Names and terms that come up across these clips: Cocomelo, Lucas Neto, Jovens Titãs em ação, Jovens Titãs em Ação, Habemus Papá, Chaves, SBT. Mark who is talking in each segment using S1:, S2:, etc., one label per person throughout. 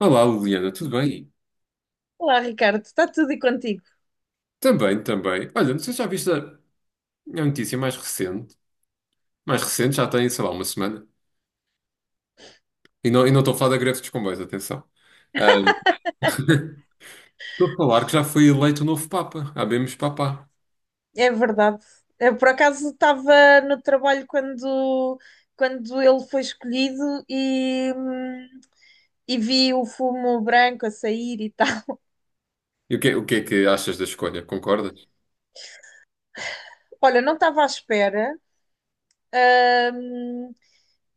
S1: Olá, Liliana, tudo bem?
S2: Olá, Ricardo, está tudo e contigo?
S1: Também, também. Olha, não sei se já viste a notícia mais recente. Mais recente, já tem, sei lá, uma semana. E não estou a falar da greve dos comboios, atenção. Ah, estou a falar que já foi eleito o novo Papa, Habemus Papá.
S2: É verdade. Eu, por acaso, estava no trabalho quando ele foi escolhido e vi o fumo branco a sair e tal.
S1: O que é que achas da escolha? Concordas?
S2: Olha, não estava à espera.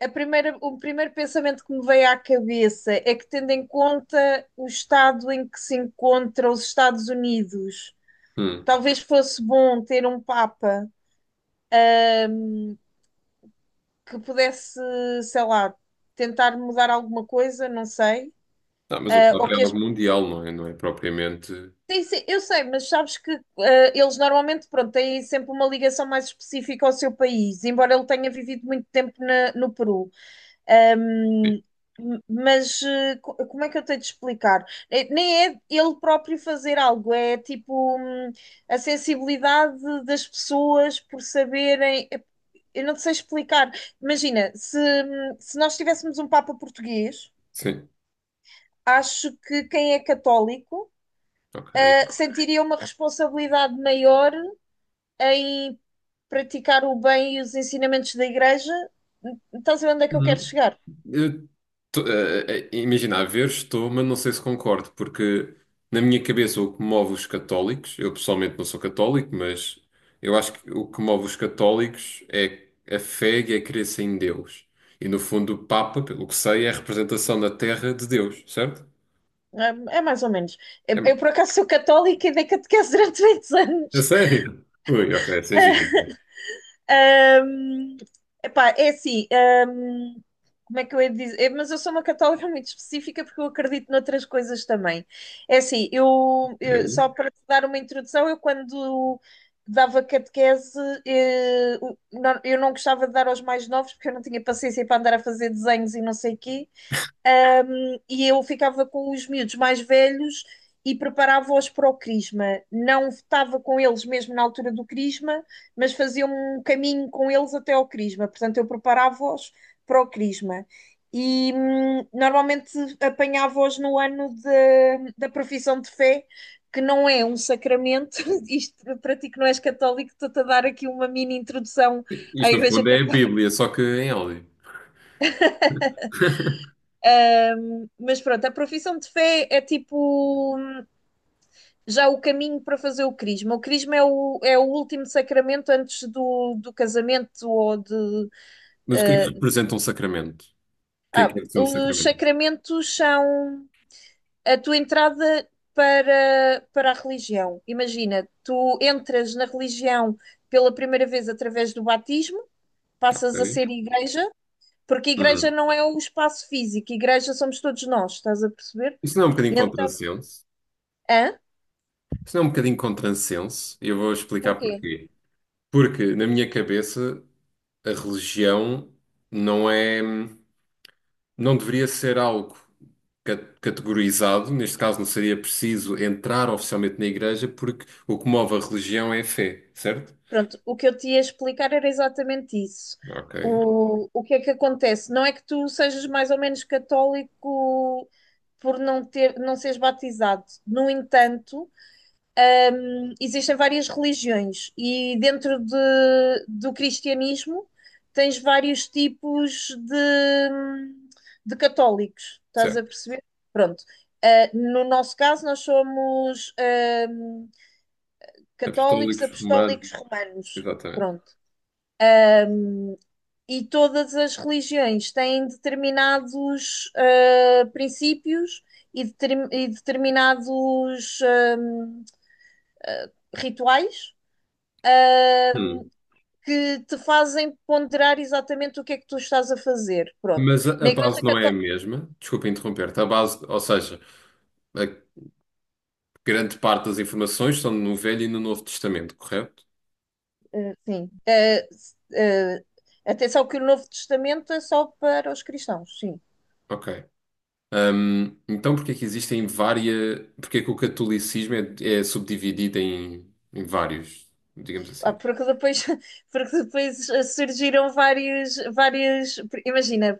S2: O primeiro pensamento que me veio à cabeça é que, tendo em conta o estado em que se encontra os Estados Unidos,
S1: Hum.
S2: talvez fosse bom ter um Papa que pudesse, sei lá, tentar mudar alguma coisa, não sei.
S1: Não, mas o
S2: Ah,
S1: Papa
S2: ou que
S1: é
S2: as
S1: algo mundial, não é? Não é propriamente.
S2: Sim, sim, eu sei, mas sabes que eles normalmente, pronto, têm sempre uma ligação mais específica ao seu país, embora ele tenha vivido muito tempo no Peru. Ahm, mas como é que eu tenho de explicar? Nem é ele próprio fazer algo, é tipo a sensibilidade das pessoas por saberem. Eu não te sei explicar. Imagina, se nós tivéssemos um Papa português,
S1: Sim,
S2: acho que quem é católico
S1: ok.
S2: sentiria uma responsabilidade maior em praticar o bem e os ensinamentos da igreja. Estás a ver onde é que eu quero
S1: Uhum.
S2: chegar?
S1: Eu tô- eh, eh, eh, Imagina, a ver, estou, mas não sei se concordo, porque na minha cabeça o que move os católicos, eu pessoalmente não sou católico, mas eu acho que o que move os católicos é a fé e a crença em Deus. E no fundo, o Papa, pelo que sei, é a representação na Terra de Deus, certo?
S2: É, é mais ou menos.
S1: É,
S2: Eu, por acaso, sou católica e dei catequese durante 20
S1: é
S2: anos.
S1: sério? Ui, ok, essa é gira.
S2: Uh, Epá, é assim, como é que eu ia dizer? É, mas eu sou uma católica muito específica porque eu acredito noutras coisas também. É assim,
S1: Ok.
S2: só para te dar uma introdução, eu quando dava catequese, eu não gostava de dar aos mais novos porque eu não tinha paciência para andar a fazer desenhos e não sei o quê e eu ficava com os miúdos mais velhos e preparava-os para o crisma. Não estava com eles mesmo na altura do crisma, mas fazia um caminho com eles até ao crisma. Portanto, eu preparava-os para o crisma. E normalmente apanhava-os no ano da profissão de fé, que não é um sacramento. Isto para ti que não és católico, estou-te a dar aqui uma mini introdução à
S1: Isto no
S2: Igreja
S1: fundo é a
S2: Católica.
S1: Bíblia, só que em áudio.
S2: Mas pronto, a profissão de fé é tipo já o caminho para fazer o crisma. O crisma é o último sacramento antes do casamento ou de.
S1: Mas o que é que
S2: eh,
S1: representa um sacramento? O que é ser um
S2: os
S1: sacramento?
S2: sacramentos são a tua entrada para a religião. Imagina, tu entras na religião pela primeira vez através do batismo, passas a
S1: Ok.
S2: ser igreja, porque igreja
S1: Hum.
S2: não é o espaço físico, igreja somos todos nós, estás a perceber?
S1: Isso não é um bocadinho
S2: Então,
S1: contrassenso?
S2: hã?
S1: Isso não é um bocadinho contrassenso, e eu vou explicar
S2: Porquê?
S1: porquê. Porque, na minha cabeça, a religião não é, não deveria ser algo categorizado, neste caso não seria preciso entrar oficialmente na igreja, porque o que move a religião é a fé, certo?
S2: Pronto, o que eu te ia explicar era exatamente isso.
S1: Ok,
S2: O que é que acontece? Não é que tu sejas mais ou menos católico por não ter, não seres batizado. No entanto, existem várias religiões e do cristianismo tens vários tipos de católicos. Estás a
S1: certo.
S2: perceber? Pronto. No nosso caso, nós somos, católicos
S1: Apostólicos, romanos,
S2: apostólicos romanos.
S1: exatamente.
S2: Pronto. E todas as religiões têm determinados princípios e, e determinados rituais
S1: Hum.
S2: que te fazem ponderar exatamente o que é que tu estás a fazer. Pronto.
S1: Mas a
S2: Na Igreja
S1: base não é a
S2: Católica,
S1: mesma, desculpa interromper-te, a base, ou seja, a grande parte das informações estão no Velho e no Novo Testamento, correto?
S2: sim. S- Atenção que o Novo Testamento é só para os cristãos, sim.
S1: Ok. Então, porque é que existem várias. Porque é que o catolicismo é, é subdividido em vários, digamos assim.
S2: Porque depois, surgiram vários, imagina,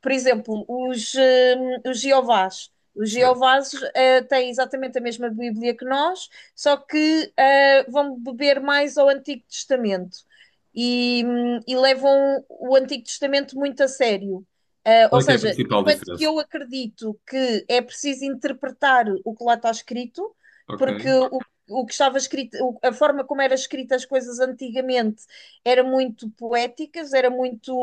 S2: por exemplo, os Jeovás. Os
S1: Certo.
S2: Jeovás têm exatamente a mesma Bíblia que nós, só que vão beber mais ao Antigo Testamento e levam o Antigo Testamento muito a sério. Ou
S1: Qual é que é a
S2: seja,
S1: principal
S2: enquanto que
S1: diferença?
S2: eu acredito que é preciso interpretar o que lá está escrito,
S1: Ok,
S2: porque o que estava escrito, a forma como eram escritas as coisas antigamente era muito poéticas, era muito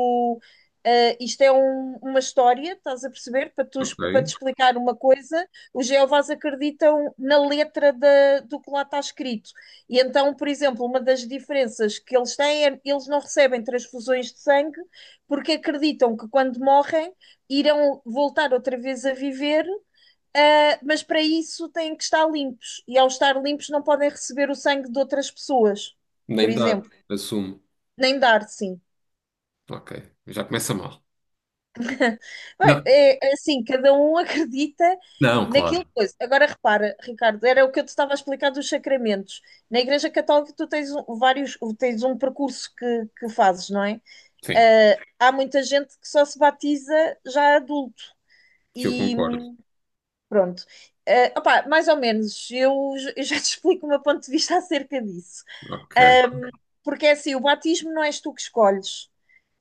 S2: Isto é uma história, estás a perceber? Para, para
S1: ok.
S2: te explicar uma coisa, os Jeovás acreditam na letra do que lá está escrito. E então, por exemplo, uma das diferenças que eles têm é eles não recebem transfusões de sangue porque acreditam que quando morrem irão voltar outra vez a viver, mas para isso têm que estar limpos. E ao estar limpos não podem receber o sangue de outras pessoas, por
S1: Nem dar,
S2: exemplo,
S1: assumo.
S2: nem dar, sim.
S1: Ok, já começa mal. Não,
S2: Bem, é assim, cada um acredita
S1: não,
S2: naquilo
S1: claro.
S2: que coisa. Agora repara, Ricardo, era o que eu te estava a explicar dos sacramentos. Na Igreja Católica tu tens vários, tens um percurso que fazes, não é?
S1: Sim,
S2: Há muita gente que só se batiza já adulto
S1: que eu
S2: e
S1: concordo.
S2: pronto. Opá, mais ou menos, eu já te explico o meu ponto de vista acerca disso.
S1: Ok.
S2: Ahm, Porque é assim, o batismo não és tu que escolhes.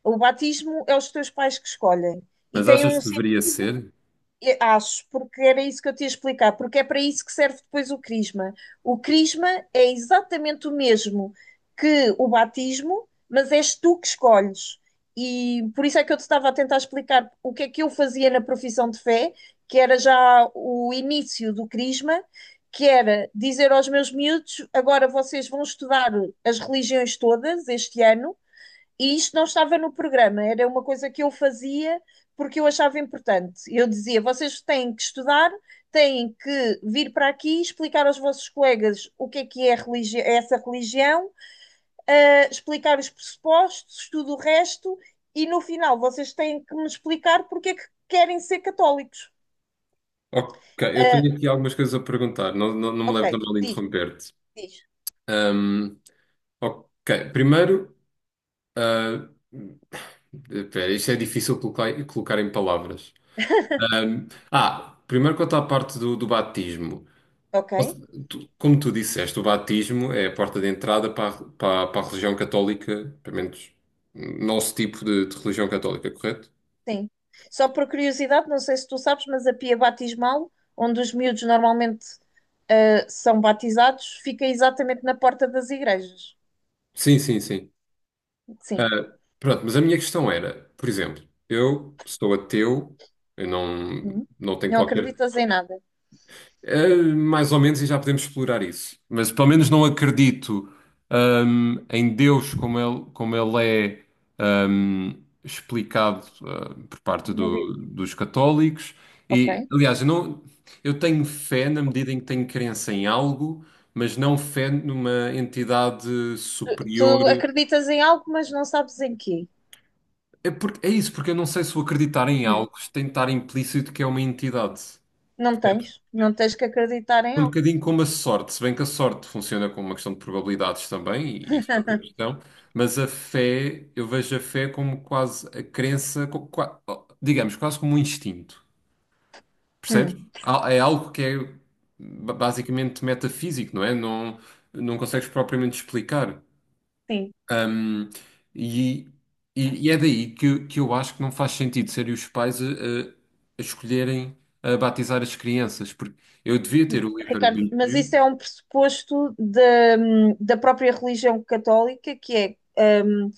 S2: O batismo é os teus pais que escolhem. E
S1: Mas
S2: tem
S1: achas
S2: um
S1: que deveria
S2: sentido
S1: ser?
S2: e- Acho, porque era isso que eu te ia explicar, porque é para isso que serve depois o crisma. O crisma é exatamente o mesmo que o batismo, mas és tu que escolhes. E por isso é que eu te estava a tentar explicar o que é que eu fazia na profissão de fé, que era já o início do crisma, que era dizer aos meus miúdos: agora vocês vão estudar as religiões todas este ano e isto não estava no programa, era uma coisa que eu fazia porque eu achava importante. Eu dizia: vocês têm que estudar, têm que vir para aqui explicar aos vossos colegas o que é religi é essa religião, explicar os pressupostos, tudo o resto, e no final vocês têm que me explicar porque é que querem ser católicos.
S1: Ok, eu
S2: Uh,
S1: tenho aqui algumas coisas a perguntar. Não, não, não me leves a
S2: ok,
S1: mal de
S2: diz,
S1: interromper-te.
S2: diz.
S1: Hum, ok, primeiro, ah, espera, isto é difícil colocar, colocar em palavras. Primeiro quanto à parte do batismo.
S2: Ok,
S1: Ou se- tu- Como tu disseste, o batismo é a porta de entrada para a religião católica, pelo menos nosso tipo de religião católica, correto?
S2: sim. Só por curiosidade, não sei se tu sabes, mas a pia batismal, onde os miúdos normalmente são batizados, fica exatamente na porta das igrejas.
S1: Sim, sim, sim. Ah,
S2: Sim.
S1: pronto, mas a minha questão era, por exemplo, eu sou ateu, eu não,
S2: Uhum.
S1: não tenho
S2: Não
S1: qualquer
S2: acreditas em nada.
S1: Mais ou menos, e já podemos explorar isso. Mas pelo menos não acredito, em Deus como ele é, explicado, por parte
S2: Na Bíblia.
S1: dos católicos.
S2: Ok.
S1: E, aliás, eu, não, eu tenho fé na medida em que tenho crença em algo, mas não fé numa entidade
S2: Tu
S1: superior.
S2: acreditas em algo, mas não sabes em quê.
S1: Porque eu não sei se o acreditar em
S2: Hum.
S1: algo tem de estar implícito que é uma entidade.
S2: Não tens. Não tens que acreditar em
S1: Um
S2: algo.
S1: bocadinho como a sorte, se bem que a sorte funciona como uma questão de probabilidades também, e isso é outra questão, mas a fé, eu vejo a fé como quase a crença, co- qua- digamos, quase como um instinto, percebes?
S2: Hum.
S1: É algo que é basicamente metafísico, não é? Não, não consegues propriamente explicar.
S2: Sim.
S1: Hum, e, e é daí que eu acho que não faz sentido serem os pais a escolherem a batizar as crianças, porque eu devia ter o
S2: Ricardo, mas isso
S1: livre-arbítrio.
S2: é um pressuposto da da própria religião católica, que é.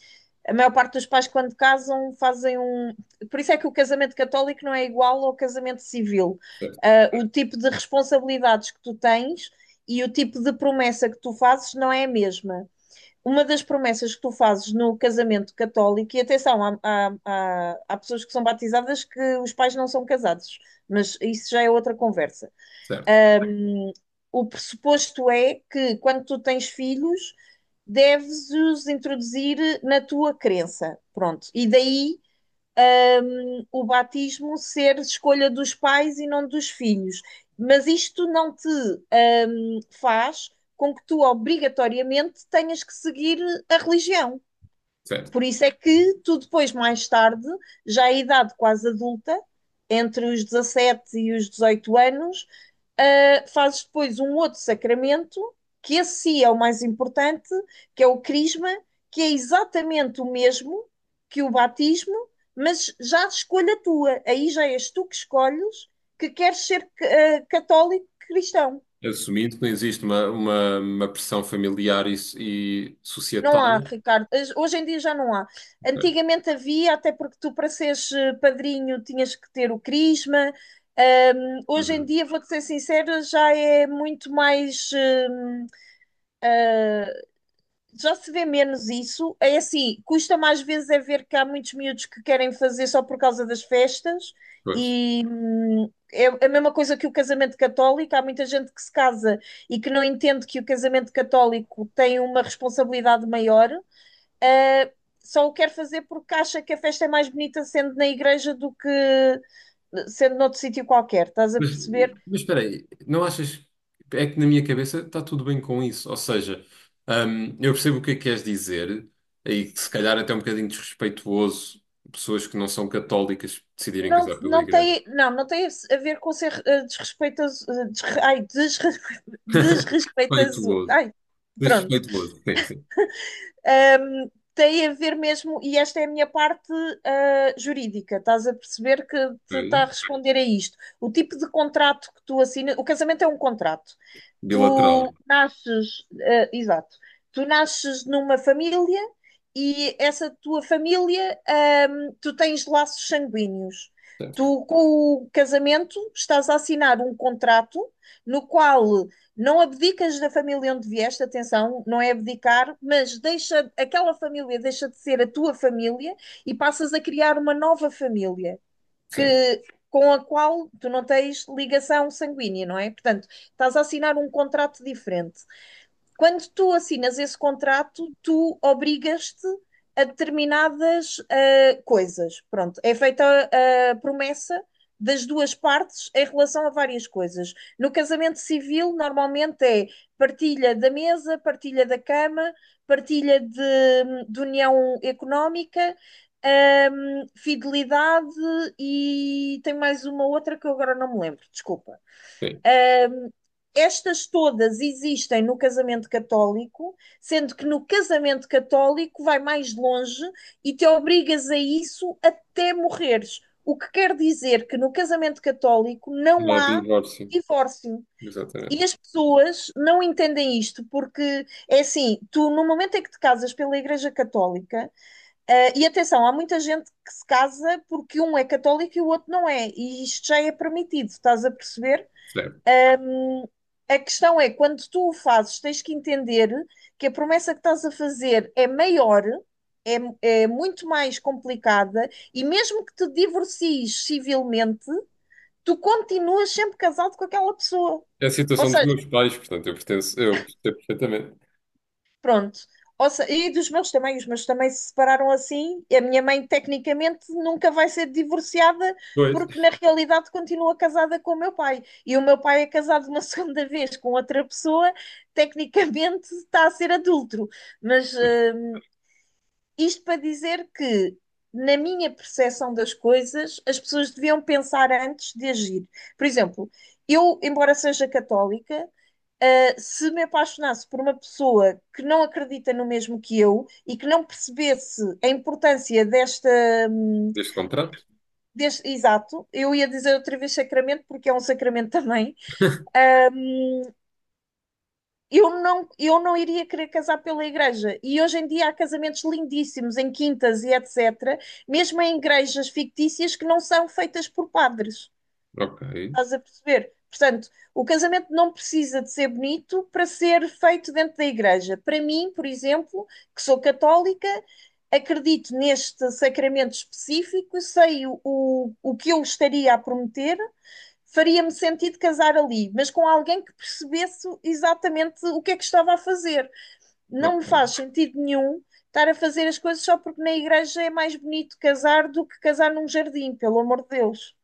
S2: A maior parte dos pais, quando casam, fazem um. Por isso é que o casamento católico não é igual ao casamento civil.
S1: Certo,
S2: O tipo de responsabilidades que tu tens e o tipo de promessa que tu fazes não é a mesma. Uma das promessas que tu fazes no casamento católico, e atenção, há pessoas que são batizadas que os pais não são casados, mas isso já é outra conversa.
S1: certo.
S2: O pressuposto é que quando tu tens filhos, deves os introduzir na tua crença. Pronto. E daí o batismo ser escolha dos pais e não dos filhos. Mas isto não te faz com que tu obrigatoriamente tenhas que seguir a religião.
S1: Certo.
S2: Por isso é que tu depois, mais tarde, já à idade quase adulta, entre os 17 e os 18 anos, fazes depois um outro sacramento, que esse sim é o mais importante, que é o crisma, que é exatamente o mesmo que o batismo, mas já a escolha tua. Aí já és tu que escolhes que queres ser católico cristão.
S1: Assumindo que não existe uma pressão familiar e
S2: Não há,
S1: societal.
S2: Ricardo. Hoje em dia já não há.
S1: Certo.
S2: Antigamente havia, até porque tu, para seres padrinho, tinhas que ter o crisma. Hoje em
S1: Uhum.
S2: dia, vou-te ser sincera, já é muito mais. Já se vê menos isso. É assim, custa mais vezes é ver que há muitos miúdos que querem fazer só por causa das festas
S1: Pois.
S2: e é a mesma coisa que o casamento católico. Há muita gente que se casa e que não entende que o casamento católico tem uma responsabilidade maior. ah, Só o quer fazer porque acha que a festa é mais bonita sendo na igreja do que sendo noutro sítio qualquer, estás a
S1: Mas,
S2: perceber?
S1: mas espera aí, não achas. É que na minha cabeça está tudo bem com isso. Ou seja, eu percebo o que é que queres dizer, e que se calhar até é um bocadinho desrespeituoso pessoas que não são católicas decidirem
S2: Não,
S1: casar pela igreja.
S2: não tem a ver com ser desrespeitoso, desrespeitoso,
S1: Respeituoso.
S2: pronto.
S1: Desrespeituoso. Sim, sim.
S2: Tem a ver mesmo, e esta é a minha parte jurídica, estás a perceber que te está a
S1: Ok.
S2: responder a isto. O tipo de contrato que tu assinas, o casamento é um contrato.
S1: Bilateral.
S2: Exato, tu nasces numa família e essa tua família, tu tens laços sanguíneos.
S1: Certo,
S2: Tu, com o casamento, estás a assinar um contrato no qual não abdicas da família onde vieste, atenção, não é abdicar, mas aquela família deixa de ser a tua família e passas a criar uma nova família
S1: certo.
S2: que, com a qual tu não tens ligação sanguínea, não é? Portanto, estás a assinar um contrato diferente quando tu assinas esse contrato, tu obrigas-te a determinadas coisas. Pronto, é feita a promessa das duas partes em relação a várias coisas. No casamento civil, normalmente é partilha da mesa, partilha da cama, partilha de união económica, fidelidade e tem mais uma outra que eu agora não me lembro, desculpa.
S1: Sim.
S2: Estas todas existem no casamento católico, sendo que no casamento católico vai mais longe e te obrigas a isso até morreres. O que quer dizer que no casamento católico
S1: Não
S2: não
S1: há
S2: há
S1: divórcio.
S2: divórcio.
S1: Exatamente.
S2: E as pessoas não entendem isto, porque é assim: tu, no momento em que te casas pela Igreja Católica, e atenção, há muita gente que se casa porque um é católico e o outro não é, e isto já é permitido, estás a perceber?
S1: Certo.
S2: Hum, a questão é, quando tu o fazes, tens que entender que a promessa que estás a fazer é maior, é muito mais complicada, e mesmo que te divorcies civilmente, tu continuas sempre casado com aquela pessoa.
S1: É a
S2: Ou
S1: situação dos
S2: seja,
S1: meus pais, portanto, eu percebo perfeitamente.
S2: pronto. Ou se- E dos meus também, os meus também se separaram assim. E a minha mãe, tecnicamente, nunca vai ser divorciada,
S1: Pois.
S2: porque na realidade continua casada com o meu pai. E o meu pai é casado uma segunda vez com outra pessoa, tecnicamente está a ser adúltero. Mas isto para dizer que, na minha percepção das coisas, as pessoas deviam pensar antes de agir. Por exemplo, eu, embora seja católica, se me apaixonasse por uma pessoa que não acredita no mesmo que eu e que não percebesse a importância desta, hum,
S1: Deste contrato?
S2: deste, exato, eu ia dizer outra vez sacramento porque é um sacramento também, eu não iria querer casar pela igreja. E hoje em dia há casamentos lindíssimos em quintas e etc., mesmo em igrejas fictícias que não são feitas por padres.
S1: Ok,
S2: Estás a perceber? Portanto, o casamento não precisa de ser bonito para ser feito dentro da igreja. Para mim, por exemplo, que sou católica, acredito neste sacramento específico, sei o que eu estaria a prometer, faria-me sentido casar ali, mas com alguém que percebesse exatamente o que é que estava a fazer. Não me
S1: ok.
S2: faz sentido nenhum estar a fazer as coisas só porque na igreja é mais bonito casar do que casar num jardim, pelo amor de Deus.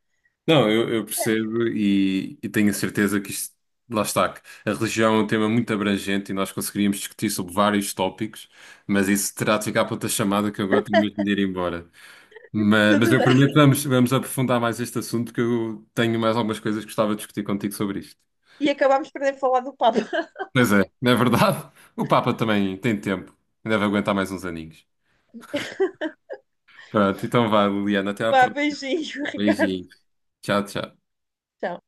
S1: Não, eu percebo e tenho a certeza que isto, lá está, que a religião é um tema muito abrangente e nós conseguiríamos discutir sobre vários tópicos, mas isso terá de ficar para outra chamada que eu agora tenho mesmo de ir embora. Mas
S2: Tudo
S1: eu
S2: bem.
S1: prometo que vamos aprofundar mais este assunto, que eu tenho mais algumas coisas que gostava de discutir contigo sobre isto.
S2: E acabámos por nem falar do Papa.
S1: Pois é, não é verdade? O Papa também tem tempo, ainda vai aguentar mais uns aninhos. Pronto, então vá, Liliana, até à
S2: Vá,
S1: próxima.
S2: beijinho, Ricardo.
S1: Beijinho. Tchau, tchau.
S2: Tchau.